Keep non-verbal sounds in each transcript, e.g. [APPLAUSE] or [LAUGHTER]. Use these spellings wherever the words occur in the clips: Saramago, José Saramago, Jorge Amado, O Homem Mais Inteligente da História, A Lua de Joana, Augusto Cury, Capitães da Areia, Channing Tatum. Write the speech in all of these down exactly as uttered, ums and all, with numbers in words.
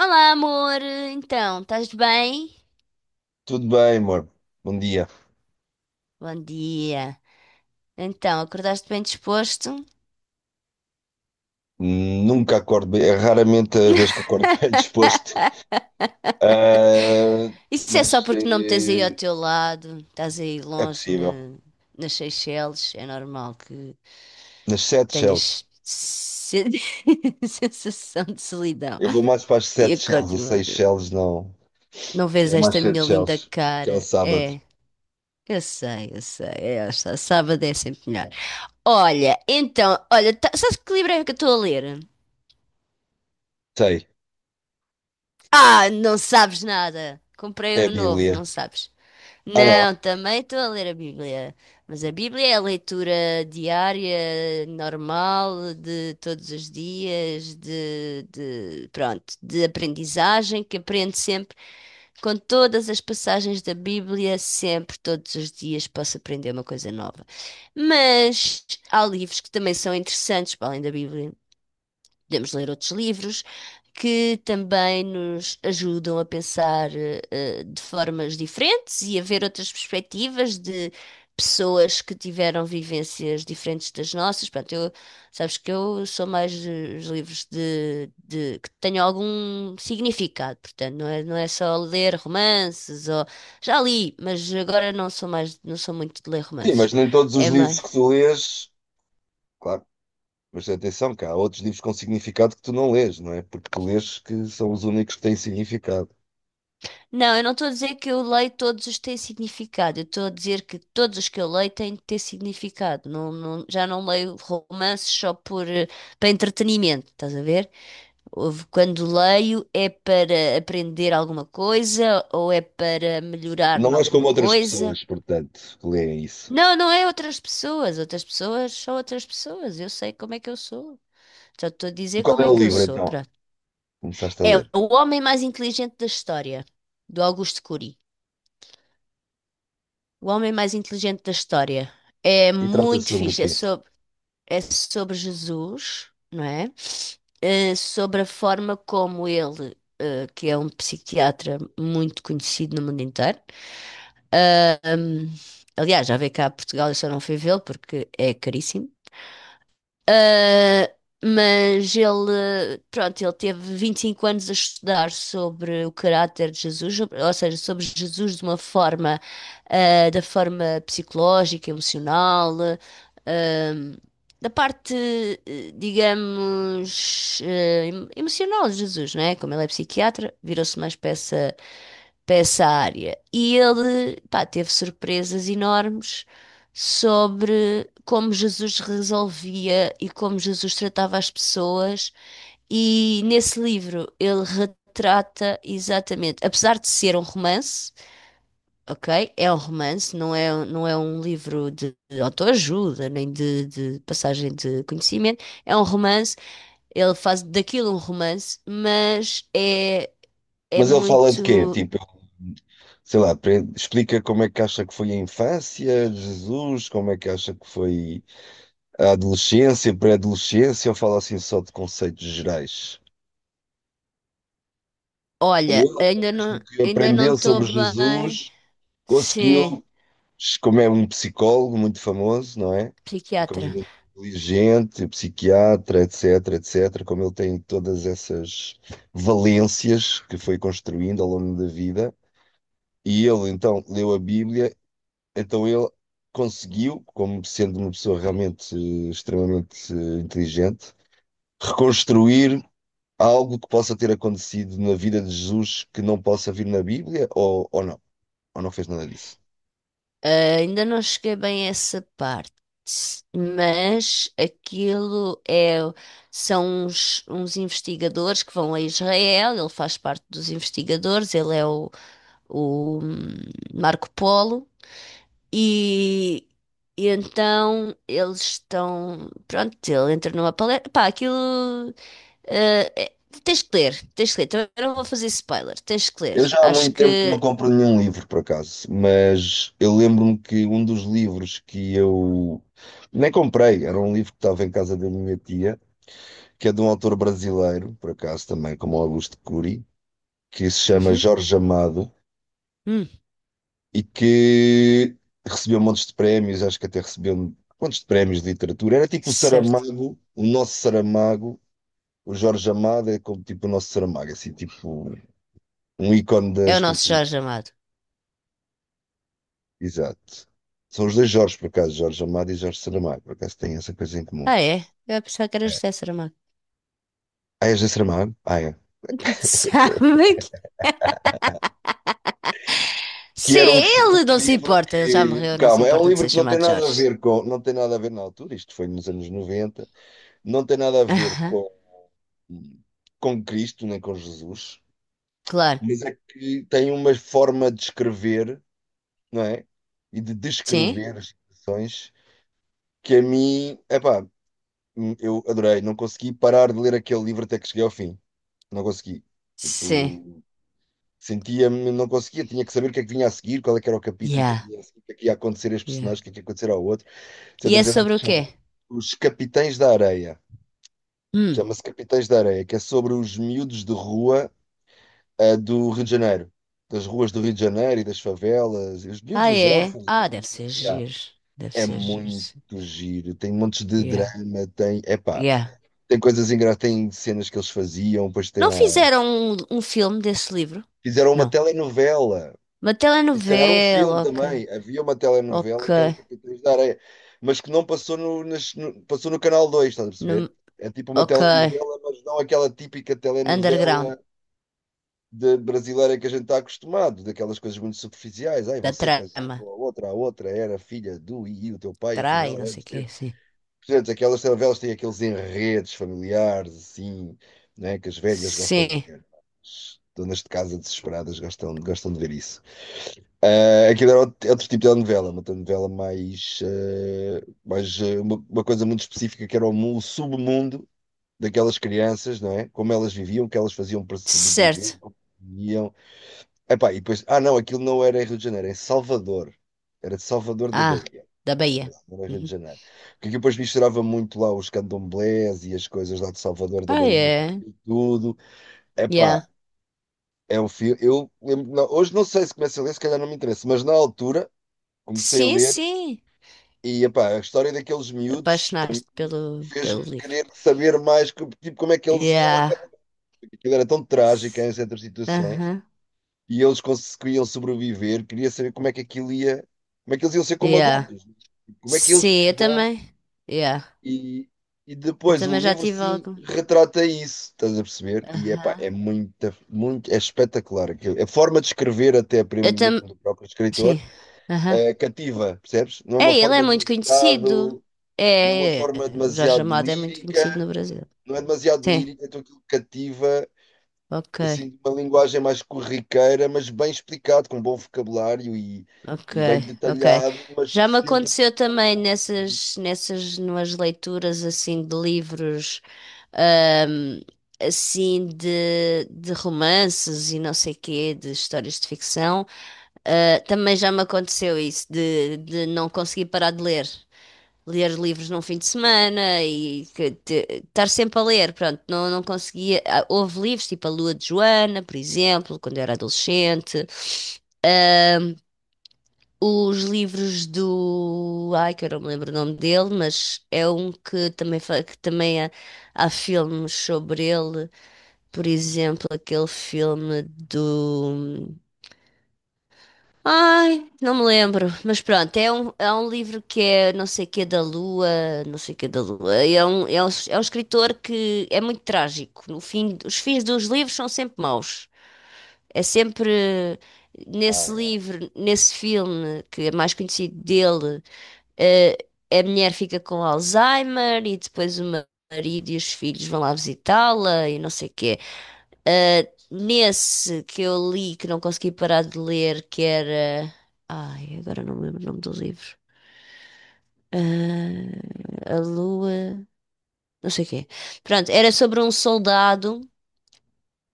Olá, amor. Então, estás bem? Tudo bem, amor. Bom dia. Bom dia. Então, acordaste bem disposto? Nunca acordo bem. É raramente a vez que acordo [LAUGHS] bem disposto. [LAUGHS] Ah, Isso é só mas porque não me tens aí ao eh, teu lado, estás aí é longe possível. na- nas Seychelles. É normal que Nas sete shells. tenhas se- [LAUGHS] sensação de solidão. Eu vou mais para as E sete shells. acordo, Os seis shells não. não vês É mais esta sete minha linda shells. Que é o cara? sábado. É, eu sei, eu sei. É, esta sábado é sempre melhor. Olha, então, olha, tá, sabes que livro é que eu estou a ler? Sei. Ah, não sabes nada. Comprei É a um novo, Bíblia. não sabes. Ah, não. Não, também estou a ler a Bíblia. Mas a Bíblia é a leitura diária, normal, de todos os dias, de, de- pronto, de aprendizagem, que aprendo sempre, com todas as passagens da Bíblia, sempre, todos os dias, posso aprender uma coisa nova. Mas há livros que também são interessantes, para além da Bíblia. Podemos ler outros livros que também nos ajudam a pensar eh, eh, de formas diferentes e a ver outras perspectivas de pessoas que tiveram vivências diferentes das nossas. Pronto, eu, sabes que eu sou mais de- os livros de, de- que tenham algum significado, portanto, não é, não é só ler romances ou já li, mas agora não sou mais, não sou muito de ler Sim, romances. mas nem todos os É. livros que tu lês. Claro. Mas atenção, que há outros livros com significado que tu não lês, não é? Porque tu lês que são os únicos que têm significado. Não, eu não estou a dizer que eu leio todos os que têm significado. Eu estou a dizer que todos os que eu leio têm de ter significado. Não, não- já não leio romances só por, eh, para entretenimento, estás a ver? Houve- Quando leio é para aprender alguma coisa ou é para melhorar Não em és como alguma outras coisa. pessoas, portanto, que leem isso. Não, não é outras pessoas. Outras pessoas são outras pessoas. Eu sei como é que eu sou. Só estou a E dizer qual como é é o que eu livro sou. então? Pronto. Começaste a É ler. o homem mais inteligente da história, do Augusto Cury. O Homem Mais Inteligente da História. É E trata muito sobre o fixe. É quê? sobre, é sobre Jesus, não é? Eh, sobre a forma como ele, eh, que é um psiquiatra muito conhecido no mundo inteiro. ah, hum, Aliás, já veio cá a Portugal, eu só não fui vê-lo porque é caríssimo. Uh, mas ele, pronto, ele teve vinte e cinco anos a estudar sobre o caráter de Jesus, sobre- ou seja, sobre Jesus de uma forma, uh, da forma psicológica, emocional, uh, da parte, uh, digamos, uh, em- emocional de Jesus, não é? Como ele é psiquiatra, virou-se mais para essa, para essa área. E ele, pá, teve surpresas enormes sobre como Jesus resolvia e como Jesus tratava as pessoas. E nesse livro ele retrata exatamente, apesar de ser um romance, ok? É um romance, não é, não é um livro de, de autoajuda, nem de, de passagem de conhecimento. É um romance, ele faz daquilo um romance, mas é, é Mas ele fala de quê? muito. Tipo, sei lá, pre- explica como é que acha que foi a infância, de Jesus, como é que acha que foi a adolescência, pré-adolescência, ou fala assim só de conceitos gerais? Ele, Olha, ainda através do não, que ainda não aprendeu estou sobre bem. Jesus, Sim, conseguiu como é um psicólogo muito famoso, não é? E como ele é psiquiatra. muito inteligente, psiquiatra, etc, etc, como ele tem todas essas valências que foi construindo ao longo da vida, e ele então leu a Bíblia, então ele conseguiu, como sendo uma pessoa realmente eh, extremamente eh, inteligente, reconstruir algo que possa ter acontecido na vida de Jesus que não possa vir na Bíblia, ou, ou não, ou não fez nada disso. Ah, ainda não cheguei bem a essa parte, mas aquilo é, são uns, uns investigadores que vão a Israel, ele faz parte dos investigadores, ele é o, o hum, Marco Polo, e, e então eles estão, pronto, ele entra numa palestra, pá, aquilo, ah, é- tens que ler, tens que ler, também não vou fazer spoiler, tens que ler, Eu já há acho muito tempo que não que, compro nenhum livro, por acaso, mas eu lembro-me que um dos livros que eu nem comprei, era um livro que estava em casa da minha tia, que é de um autor brasileiro, por acaso também, como o Augusto Cury, que se chama uhum. Jorge Amado Hum, e que recebeu montes de prémios, acho que até recebeu montes de prémios de literatura. Era tipo o certo, Saramago, o nosso Saramago, o Jorge Amado é como tipo o nosso Saramago, assim, tipo um ícone da é o nosso escrita. Jorge Amado. Exato. São os dois Jorges, por acaso, Jorge Amado e Jorge Saramago, por acaso têm essa coisa em comum. Ah, é? Eu pensava que era José Saramago. Ah, és de Saramago? Ah, é. [LAUGHS] [LAUGHS] Sabe que... Que Se era um, fi- um ele não se livro importa, ele já que. morreu, não se Calma, é um importa de livro ser que não tem chamado nada a Jorge. ver com. Não tem nada a ver na altura, isto foi nos anos noventa. Não tem nada a ver Aham, com, com, Cristo nem com Jesus, [LAUGHS] claro. mas é que tem uma forma de escrever, não é? E de Sim? descrever as situações que a mim, epá, eu adorei, não consegui parar de ler aquele livro até que cheguei ao fim. Não consegui. Sim. Tipo, sentia-me, não conseguia, tinha que saber o que é que vinha a seguir, qual é que era o capítulo, o que é que Yeah, ia, a seguir, o que é que ia acontecer a este yeah. personagem, o que é que ia acontecer ao outro, E etcétera é etcétera. sobre o quê? Chama Os Capitães da Areia. Hum. Chama-se Capitães da Areia, que é sobre os miúdos de rua, eh, do Rio de Janeiro. Das ruas do Rio de Janeiro e das favelas, e os miúdos, Ah, os é? órfãos. Ah, deve ser Yeah. giro. Deve É ser giro, sim. muito giro, tem montes de Yeah, drama, tem, epá, yeah. tem coisas engraçadas, tem cenas que eles faziam, depois tem Não lá. fizeram um, um filme desse livro? Fizeram uma Não. telenovela. Uma E se calhar um filme telenovela, ok. também. Havia uma Ok. telenovela que era o Capitães da Areia, mas que não passou no, nas- no- passou no Canal dois. Estás a perceber? Num- É tipo uma ok. telenovela, mas não aquela típica Underground. telenovela de brasileira que a gente está acostumado, daquelas coisas muito superficiais. Ai, Da você casou trama. com a outra, a outra era filha do e e o teu pai, afinal, Trai, não sei antes o quê, teve. sim. Portanto, aquelas telenovelas têm aqueles enredos familiares, assim, né, que as velhas gostam de Sim, ver. As donas de casa desesperadas gostam, gostam de ver isso. Ah, aquilo era outro outro tipo de novela, uma novela mais, eh, mais eh, uma, uma coisa muito específica que era o, mu- o submundo daquelas crianças, não é? Como elas viviam, o que elas faziam para sobreviver, certo. como viviam. Epá, e depois, ah não, aquilo não era em Rio de Janeiro, era em Salvador. Era de Salvador da Ah, Bahia. da É Bahia. verdade, não era Rio de Uhum. Janeiro. Porque aquilo depois misturava muito lá os candomblés e as coisas lá de Salvador da Ah, Bahia, com é. tudo. Yeah. Epá, é um filme. Eu lembro, não, hoje não sei se começa a ler, se calhar não me interessa, mas na altura comecei a Sim, ler sim. e epá, a história daqueles miúdos Apaixonaste pelo, fez-me pelo livro. querer saber mais co- tipo, como é que eles iam Yeah. acabar. Aquilo era tão trágico S- em certas situações Aham. e eles conseguiam sobreviver. Queria saber como é que aquilo ia, como é que eles iam ser como Yeah. adultos, como é que eles Sim, se eu dão. também. Yeah. E, e Eu depois o também já livro tive sim alguns. retrata isso, estás a perceber? E epá, é Aham. muita, muito, é espetacular aquilo. A forma de escrever, até Eu mesmo também. do próprio Sim. escritor, Aham. eh, cativa, percebes? Não é uma É, ele é forma de muito conhecido. Não é uma É, é. forma é. O Jorge demasiado Amado é muito lírica, conhecido no Brasil. não é demasiado Sim, lírica, então aquilo cativa ok. assim, uma linguagem mais corriqueira, mas bem explicado, com bom vocabulário e, Ok, e bem ok. detalhado, mas Já me sempre de aconteceu também forma. Uhum. nessas, nessas, nas leituras assim de livros, ahm, assim de, de romances e não sei quê, de histórias de ficção, ah, também já me aconteceu isso, de, de não conseguir parar de ler. Ler livros num fim de semana e que te- estar sempre a ler, pronto, não, não conseguia. Ah, houve livros tipo A Lua de Joana, por exemplo, quando eu era adolescente. Os livros do. Ai, que eu não me lembro o nome dele, mas é um que também, fa- que também há, há filmes sobre ele. Por exemplo, aquele filme do. Ai, não me lembro. Mas pronto, é um, é um livro que é não sei o que da Lua, não sei o que da Lua. e É um, é um, é um escritor que é muito trágico. No fim, os fins dos livros são sempre maus. É sempre Ah, nesse é. livro, nesse filme que é mais conhecido dele eh, a mulher fica com Alzheimer e depois o marido e os filhos vão lá visitá-la e não sei o quê. Eh, nesse que eu li, que não consegui parar de ler, que era. Ai, agora não me lembro o nome do livro. Ah, a Lua. Não sei o quê. Pronto, era sobre um soldado.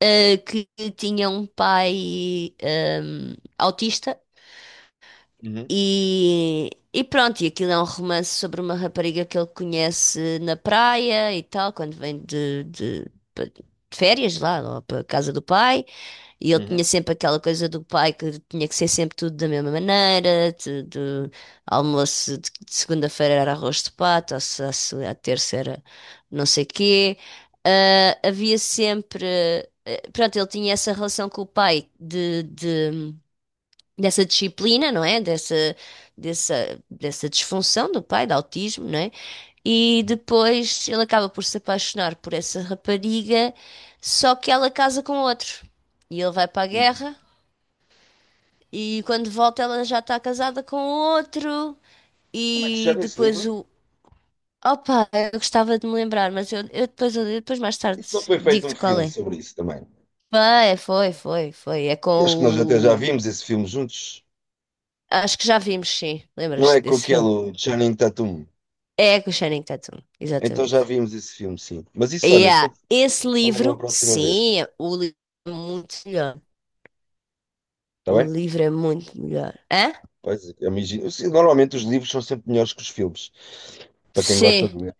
eh, que tinha um pai ehm, autista. Uhum, E, e pronto, e aquilo é um romance sobre uma rapariga que ele conhece na praia e tal, quando vem de, de- pa- de férias lá, ou para a casa do pai. E ele tinha uhum, sempre aquela coisa do pai que tinha que ser sempre tudo da mesma maneira: de, de almoço de, de segunda-feira era arroz de pato, ou se, a, se a terça era não sei quê. Ah, havia sempre. eh, Pronto, ele tinha essa relação com o pai de, dessa disciplina, não é? Dessa, dessa, dessa disfunção do pai, de autismo, não é? E uhum. depois ele acaba por se apaixonar por essa rapariga, só que ela casa com outro. E ele vai para a E guerra, e quando volta ela já está casada com outro. como é que se E chama esse depois livro? o. Opa, eu gostava de me lembrar, mas eu, eu depois, eu depois mais tarde Isso não foi feito um digo-te qual filme é. sobre isso também. Foi, foi, foi, foi. É com Eu acho que nós até já o. vimos esse filme juntos. Acho que já vimos, sim. Não Lembras-te é com desse filme? aquele Channing Tatum. É com o Channing Tatum, Então exatamente. já vimos esse filme, sim. Mas E isso, olha, Yeah. Esse vamos falar numa livro, próxima vez. sim, é- o livro é muito melhor. Está O bem? livro é muito melhor. Hã? Pois, eu imagino. Eu sei, normalmente os livros são sempre melhores que os filmes, para quem gosta Sim, de ler.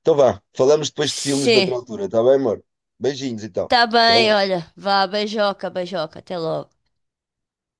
Então vá, falamos depois de filmes sim. noutra altura, está bem, amor? Beijinhos então. Tá Até bem, lá. olha. Vá, beijoca, beijoca. Até logo.